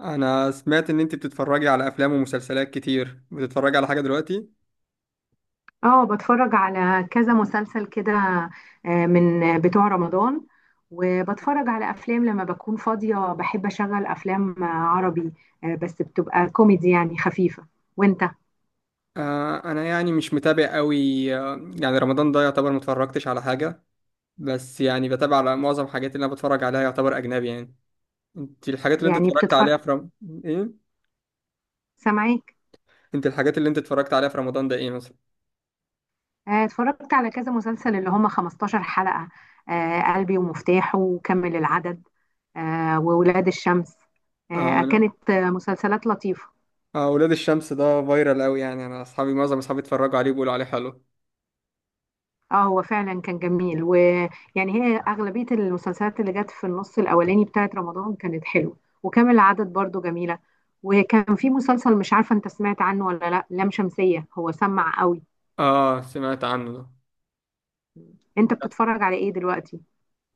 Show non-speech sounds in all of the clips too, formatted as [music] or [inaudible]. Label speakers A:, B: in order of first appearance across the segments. A: انا سمعت ان انت بتتفرجي على افلام ومسلسلات كتير، بتتفرجي على حاجه دلوقتي؟
B: اه، بتفرج على كذا مسلسل كده. آه، من بتوع رمضان. وبتفرج على افلام لما بكون فاضية، بحب اشغل افلام عربي. آه، بس بتبقى كوميدي، يعني خفيفة. وانت؟
A: انا يعني مش متابع قوي. آه يعني رمضان ده يعتبر ما اتفرجتش على حاجه. بس يعني بتابع على معظم الحاجات اللي انا بتفرج عليها، يعتبر اجنبي يعني. انت الحاجات اللي انت
B: يعني
A: اتفرجت
B: بتتفرج.
A: عليها في ايه،
B: سامعيك.
A: انت الحاجات اللي انت اتفرجت عليها في رمضان ده ايه مثلا؟
B: آه، اتفرجت على كذا مسلسل اللي هم 15 حلقة. آه، قلبي ومفتاحه وكمل العدد. آه، وولاد الشمس.
A: اه
B: آه،
A: انا،
B: كانت مسلسلات لطيفة.
A: ولاد الشمس ده فايرال قوي يعني، انا اصحابي، معظم اصحابي اتفرجوا عليه بيقولوا عليه حلو.
B: اه، هو فعلا كان جميل، ويعني. هي اغلبيه المسلسلات اللي جت في النص الاولاني بتاعت رمضان كانت حلوه. وكامل العدد برضو جميله. وكان في مسلسل مش عارفه انت سمعت عنه ولا لا، لام شمسيه، هو سمع قوي.
A: اه سمعت عنه.
B: انت
A: ده
B: بتتفرج على ايه دلوقتي؟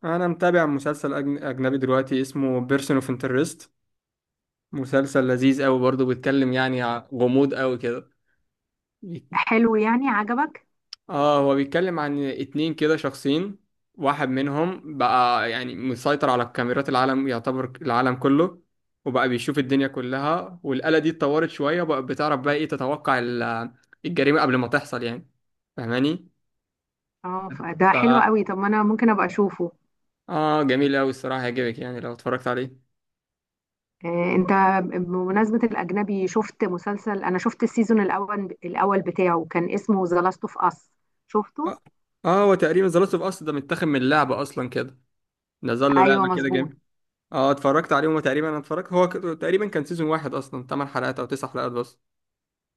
A: انا متابع مسلسل اجنبي دلوقتي اسمه بيرسون اوف انترست. مسلسل لذيذ قوي برضه، بيتكلم يعني غموض قوي كده. بي-
B: حلو، يعني عجبك؟
A: اه هو بيتكلم عن اتنين كده شخصين. واحد منهم بقى يعني مسيطر على الكاميرات، العالم يعتبر العالم كله، وبقى بيشوف الدنيا كلها. والآلة دي اتطورت شوية وبقى بتعرف بقى ايه، تتوقع الجريمة قبل ما تحصل يعني. فاهماني؟
B: اه، ده حلو
A: ف،
B: قوي. طب ما انا ممكن ابقى اشوفه.
A: اه جميل قوي الصراحة، هيعجبك يعني لو اتفرجت عليه.
B: آه، انت. بمناسبه الاجنبي شفت مسلسل. انا شفت السيزون الاول بتاعه، كان اسمه ذا لاست اوف اس. شفته؟
A: اه، آه، هو تقريبا ذا لاست اوف اس ده متاخد من اللعبة اصلا كده، نزل له
B: ايوه،
A: لعبة
B: مظبوط.
A: كده. اه اتفرجت عليهم تقريبا، انا اتفرجت، تقريبا كان سيزون واحد اصلا 8 حلقات او 9 حلقات بس.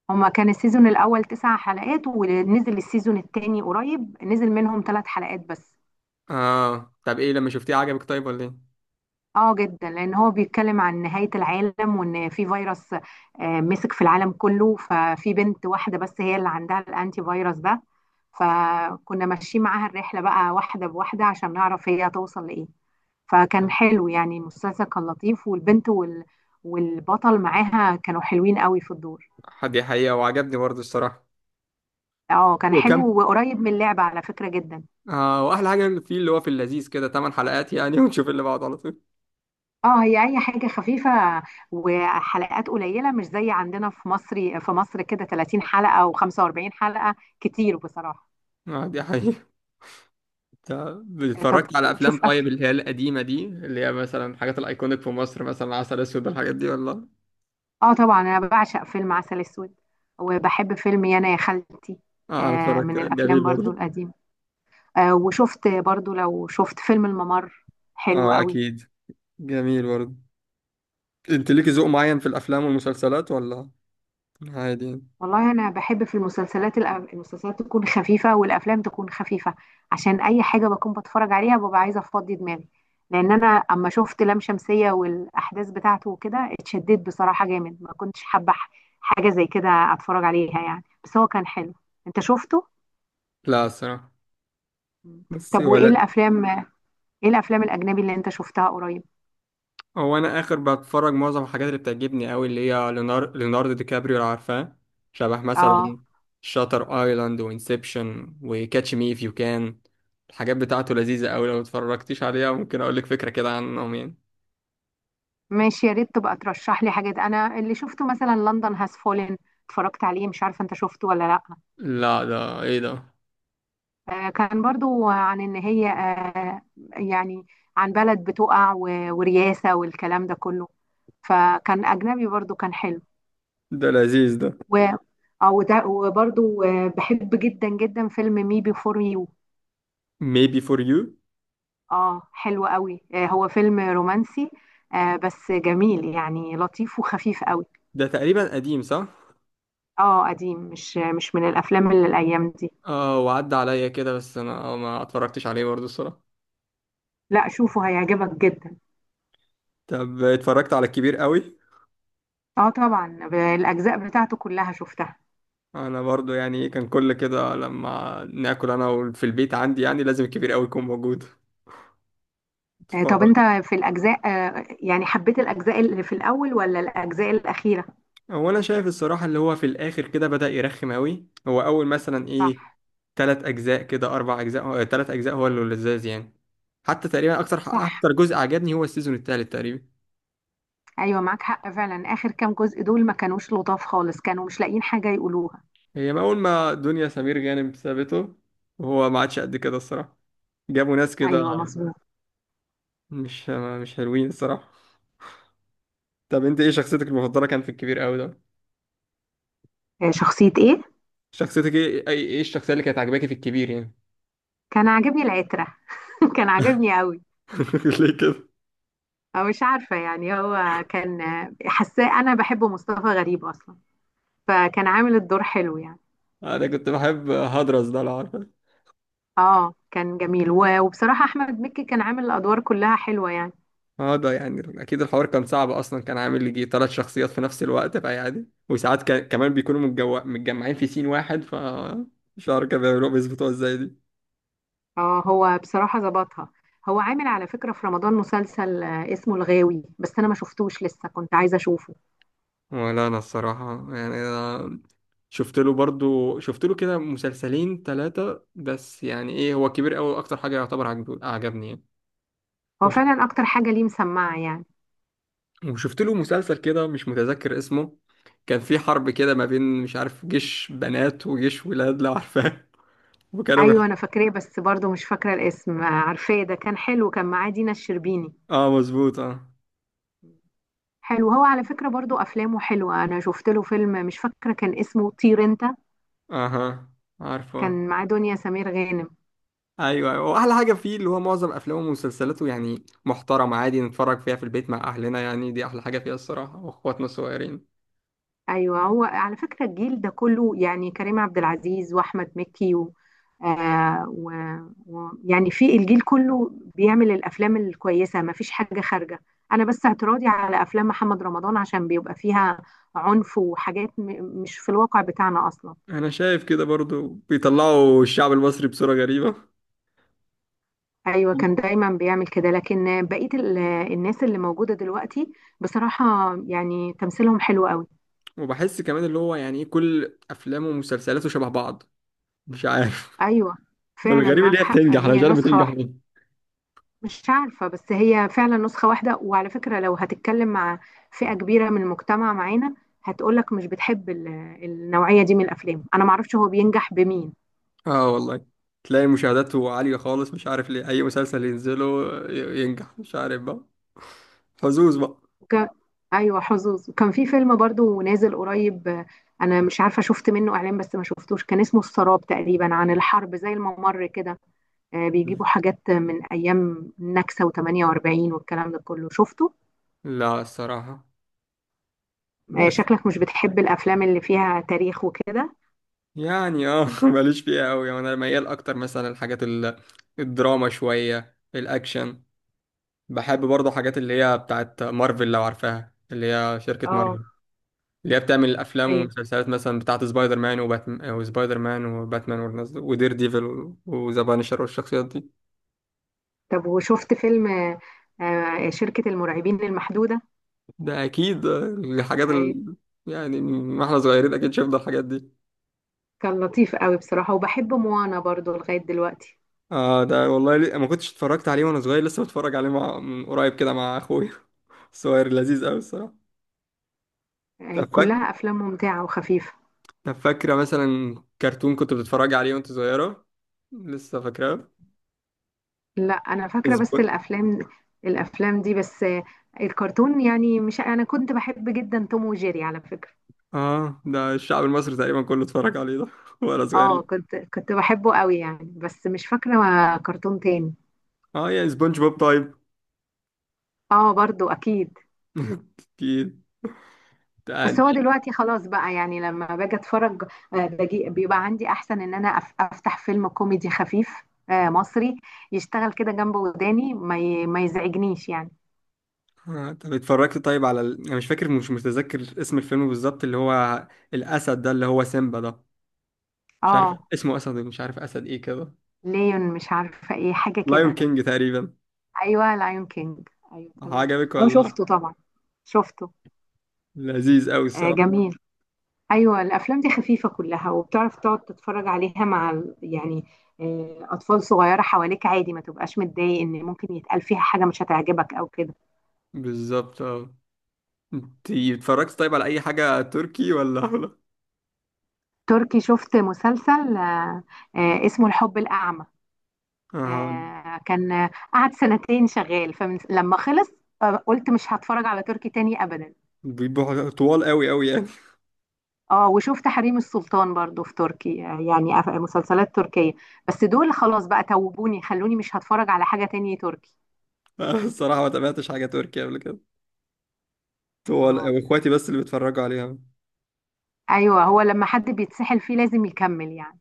B: هما كان السيزون الأول 9 حلقات، ونزل السيزون التاني قريب، نزل منهم 3 حلقات بس.
A: اه طب ايه لما شفتيه عجبك طيب ولا ايه؟
B: اه، جدا، لأن هو بيتكلم عن نهاية العالم وإن في فيروس مسك في العالم كله، ففي بنت واحدة بس هي اللي عندها الأنتي فيروس ده. فكنا ماشيين معاها الرحلة بقى واحدة بواحدة عشان نعرف هي هتوصل لإيه. فكان حلو، يعني المسلسل كان لطيف، والبنت والبطل معاها كانوا حلوين قوي في الدور.
A: حد حقيقة وعجبني برضه الصراحة.
B: اه، كان
A: وكم،
B: حلو وقريب من اللعبة على فكرة جدا.
A: اه واحلى حاجة فيه اللي هو في اللذيذ كده 8 حلقات يعني [laughs] ونشوف اللي بعده على طول.
B: اه، هي اي حاجه خفيفه. وحلقات قليله، مش زي عندنا في مصر كده 30 حلقه و45 حلقه. كتير بصراحه.
A: اه دي حقيقة. طب
B: طب
A: اتفرجت على افلام
B: وبتشوف
A: طيب،
B: افلام؟
A: اللي هي القديمة دي، اللي هي مثلا الحاجات الايكونيك في مصر، مثلا عسل اسود، الحاجات دي ولا؟
B: اه، طبعا، انا بعشق فيلم عسل اسود. وبحب فيلم يانا يا خالتي.
A: اه انا
B: آه،
A: اتفرجت،
B: من
A: جميل
B: الافلام برضو
A: برضه.
B: القديمه. آه، وشفت برضو، لو شفت فيلم الممر. حلو
A: اه
B: قوي.
A: اكيد، جميل برضه. انت ليكي ذوق معين في الافلام والمسلسلات ولا عادي؟
B: والله انا بحب في المسلسلات المسلسلات تكون خفيفه والافلام تكون خفيفه. عشان اي حاجه بكون بتفرج عليها ببقى عايزه افضي دماغي. لان انا اما شفت لام شمسيه والاحداث بتاعته وكده اتشددت بصراحه جامد، ما كنتش حابه حاجه زي كده اتفرج عليها يعني، بس هو كان حلو. انت شفته؟
A: لا الصراحة،
B: مم.
A: بس
B: طب وايه
A: ولا.
B: الافلام؟ ايه الافلام الاجنبي اللي انت شفتها قريب؟
A: هو انا اخر بتفرج، معظم الحاجات اللي بتعجبني قوي اللي هي ليوناردو دي كابريو لو عارفاه، شبه
B: اه،
A: مثلا شاتر ايلاند وانسبشن وكاتش مي اف يو كان. الحاجات بتاعته لذيذة قوي، لو اتفرجتيش عليها ممكن اقول لك فكرة كده عنهم يعني.
B: ماشي، يا ريت تبقى ترشح لي حاجات. انا اللي شفته مثلا لندن هاز فولن، اتفرجت عليه، مش عارفه انت شفته ولا لا.
A: لا، ده ايه ده؟
B: آه، كان برضو عن ان هي يعني، عن بلد بتقع ورياسة والكلام ده كله، فكان اجنبي برضو كان حلو.
A: ده لذيذ ده.
B: و اه، وده وبرضو بحب جدا جدا فيلم مي بيفور يو.
A: Maybe for you.
B: اه، حلو قوي. آه، هو فيلم رومانسي. آه، بس جميل، يعني لطيف وخفيف قوي.
A: ده تقريبا قديم صح؟
B: اه، قديم، مش من الافلام اللي الايام دي.
A: اه وعدى عليا كده بس انا ما اتفرجتش عليه برضه الصراحة.
B: لا، شوفه هيعجبك جدا.
A: طب اتفرجت على الكبير قوي؟
B: اه، طبعا، الاجزاء بتاعته كلها شفتها.
A: انا برضو يعني إيه، كان كل كده لما ناكل انا في البيت عندي، يعني لازم الكبير قوي يكون موجود
B: آه، طب
A: اتفرج.
B: انت، في الاجزاء يعني حبيت الاجزاء اللي في الاول ولا الاجزاء الاخيره؟
A: هو انا شايف الصراحه اللي هو في الاخر كده بدأ يرخم قوي، هو اول مثلا
B: صح.
A: ايه، تلات اجزاء هو اللي لذاذ يعني. حتى تقريبا اكتر
B: صح.
A: اكتر جزء عجبني هو السيزون التالت تقريبا.
B: ايوه، معاك حق فعلا. اخر كام جزء دول ما كانوش لطاف خالص، كانوا مش لاقيين حاجه يقولوها.
A: هي ما اول ما دنيا سمير غانم سابته، وهو ما عادش قد كده الصراحه، جابوا ناس كده
B: ايوه، مظبوط.
A: مش مش حلوين الصراحه. طب انت ايه شخصيتك المفضله كان في الكبير قوي ده؟
B: آه، شخصيه ايه؟
A: شخصيتك ايه، ايه الشخصية اللي كانت عاجباكي في الكبير يعني؟
B: كان عاجبني العتره. [laughs] كان عاجبني قوي.
A: [laughs] ليه كده؟
B: او مش عارفه، يعني هو كان حاساه انا بحب مصطفى غريب اصلا، فكان عامل الدور حلو يعني.
A: انا كنت بحب هدرس ده لو عارفه.
B: اه، كان جميل وبصراحه احمد مكي كان عامل الادوار كلها حلوه يعني.
A: اه ده يعني اكيد الحوار كان صعب اصلا، كان عامل لي يجي ثلاث شخصيات في نفس الوقت بقى عادي، وساعات كان كمان بيكونوا متجمعين في سين واحد. ف مش عارف كانوا بيعملوها بيظبطوها ازاي دي.
B: اه، هو بصراحة ظبطها. هو عامل على فكرة في رمضان مسلسل اسمه الغاوي، بس انا ما شفتوش لسه، كنت عايزة اشوفه.
A: ولا انا الصراحه يعني، أنا شفت له برضو، شفت له كده مسلسلين ثلاثه بس، يعني ايه، هو كبير قوي اكتر حاجه يعتبر عجبني
B: هو
A: يعني.
B: فعلا اكتر حاجة ليه مسمعة يعني.
A: وشفت له مسلسل كده مش متذكر اسمه، كان في حرب كده ما بين مش عارف جيش بنات وجيش ولاد لو عارفاه [laughs] وكانوا بيح...
B: ايوه، انا فاكراه، بس برضو مش فاكرة الاسم. عارفاه، ده كان حلو، كان معاه دينا الشربيني.
A: اه مظبوط اه.
B: حلو. هو على فكرة برضو افلامه حلوة، انا شفت له فيلم مش فاكرة كان اسمه طير انت.
A: اها عارفه.
B: كان معاه دنيا سمير غانم.
A: ايوه ايوه، واحلى حاجه فيه اللي هو معظم افلامه ومسلسلاته يعني محترمه، عادي نتفرج فيها في البيت مع اهلنا يعني، دي احلى حاجه فيها الصراحه، واخواتنا الصغيرين.
B: ايوه، هو على فكره الجيل ده كله، يعني كريم عبد العزيز واحمد مكي آه و... يعني في الجيل كله بيعمل الافلام الكويسه، ما فيش حاجه خارجه. انا بس اعتراضي على افلام محمد رمضان عشان بيبقى فيها عنف وحاجات مش في الواقع بتاعنا اصلا.
A: انا شايف كده برضو بيطلعوا الشعب المصري بصوره غريبه.
B: ايوه، كان
A: [laughs]
B: دايما بيعمل كده، لكن بقيه الناس اللي موجوده دلوقتي، بصراحه، يعني تمثيلهم حلو قوي.
A: وبحس كمان اللي هو يعني ايه، كل افلامه ومسلسلاته شبه بعض، مش عارف.
B: ايوه،
A: [laughs]
B: فعلا
A: والغريب اللي
B: معاك
A: هي
B: حق،
A: بتنجح، انا مش
B: هي
A: عارف
B: نسخه
A: بتنجح.
B: واحده. مش عارفة، بس هي فعلا نسخة واحدة. وعلى فكرة لو هتتكلم مع فئة كبيرة من المجتمع معانا، هتقولك مش بتحب النوعية دي من الأفلام. أنا معرفش هو بينجح بمين.
A: اه والله، تلاقي مشاهداته عالية خالص، مش عارف ليه. أي مسلسل ينزله ينجح، مش عارف بقى، حظوظ بقى.
B: وك... أيوة، حظوظ. وكان في فيلم برضو نازل قريب أنا مش عارفة، شفت منه إعلان بس ما شفتوش، كان اسمه السراب تقريبا، عن الحرب زي الممر كده. آه، بيجيبوا حاجات من أيام النكسة و48 والكلام ده كله. شفته؟
A: لا الصراحة،
B: آه،
A: بس
B: شكلك مش بتحب الأفلام اللي فيها تاريخ وكده.
A: يعني اه [laughs] ماليش فيها أوي يعني، أنا ميال أكتر مثلا الحاجات الدراما شوية الأكشن. بحب برضه حاجات اللي هي بتاعت مارفل لو عارفاها، اللي هي شركة
B: اه،
A: مارفل، اللي هي بتعمل الأفلام والمسلسلات مثلا بتاعت سبايدر مان وباتمان وسبايدر مان وباتمان والناس دول، ودير ديفل وذا بانشر والشخصيات دي.
B: طب وشفت فيلم شركة المرعبين المحدودة؟
A: ده اكيد، آه، الحاجات
B: أي،
A: ال... يعني ما احنا صغيرين اكيد شفنا الحاجات دي.
B: كان لطيف قوي بصراحة، وبحب موانا برضو لغاية دلوقتي.
A: اه ده والله، ما كنتش اتفرجت عليه وانا صغير، لسه بتفرج عليه من قريب كده مع اخويا. [laughs] الصغير لذيذ قوي الصراحه.
B: أي،
A: طب فاك...
B: كلها أفلام ممتعة وخفيفة.
A: طب فاكره مثلا كرتون كنت بتتفرج عليه وانت صغيره، لسه فاكراه؟
B: لا، أنا فاكرة بس
A: سبون...
B: الأفلام. الأفلام دي بس. الكرتون يعني مش، أنا كنت بحب جدا توم وجيري على فكرة.
A: اه ده الشعب المصري تقريبا كله اتفرج عليه ده [laughs] وانا
B: اه،
A: صغير.
B: كنت بحبه قوي يعني، بس مش فاكرة كرتون تاني.
A: اه يا سبونج بوب طيب
B: اه، برضو أكيد.
A: [laughs] اكيد.
B: بس هو دلوقتي خلاص بقى، يعني لما باجي اتفرج. آه، باجي بيبقى عندي احسن ان انا افتح فيلم كوميدي خفيف. آه، مصري، يشتغل كده جنب وداني ما ما يزعجنيش يعني.
A: آه، طب اتفرجت طيب على ال... انا مش فاكر، مش متذكر اسم الفيلم بالظبط اللي هو الاسد ده اللي هو سيمبا ده، مش عارف
B: اه،
A: اسمه، اسد مش عارف اسد ايه كده،
B: ليون، مش عارفه ايه حاجه
A: لايون
B: كده.
A: كينج تقريبا.
B: ايوه، لايون كينج، ايوه تمام.
A: عجبك
B: اه،
A: ولا لا؟
B: شفته طبعا. شفته.
A: لذيذ قوي
B: آه،
A: الصراحه.
B: جميل. ايوه، الافلام دي خفيفه كلها، وبتعرف تقعد تتفرج عليها مع يعني اطفال صغيره حواليك، عادي ما تبقاش متضايق ان ممكن يتقال فيها حاجه مش هتعجبك او كده.
A: بالظبط اه. انت اتفرجت طيب على اي حاجه تركي ولا [laughs] ولا؟
B: تركي، شفت مسلسل آه، اسمه الحب الأعمى.
A: اه
B: آه، كان قعد سنتين شغال، فلما خلص آه، قلت مش هتفرج على تركي تاني أبدا.
A: بيبقوا طوال قوي يعني.
B: اه، وشفت حريم السلطان برضو في تركي يعني مسلسلات تركية. بس دول خلاص بقى، توبوني خلوني مش هتفرج على حاجة تانية تركي.
A: [laughs] الصراحه ما تابعتش حاجه تركي قبل كده، طوال
B: اه،
A: قوي، اخواتي بس اللي بيتفرجوا عليها.
B: أيوه، هو لما حد بيتسحل فيه لازم يكمل يعني.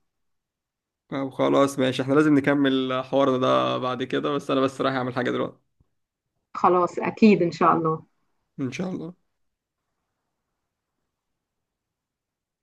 A: طب خلاص ماشي، احنا لازم نكمل حوارنا ده بعد كده، بس انا بس رايح اعمل حاجه دلوقتي.
B: خلاص أكيد إن شاء الله.
A: ان شاء الله.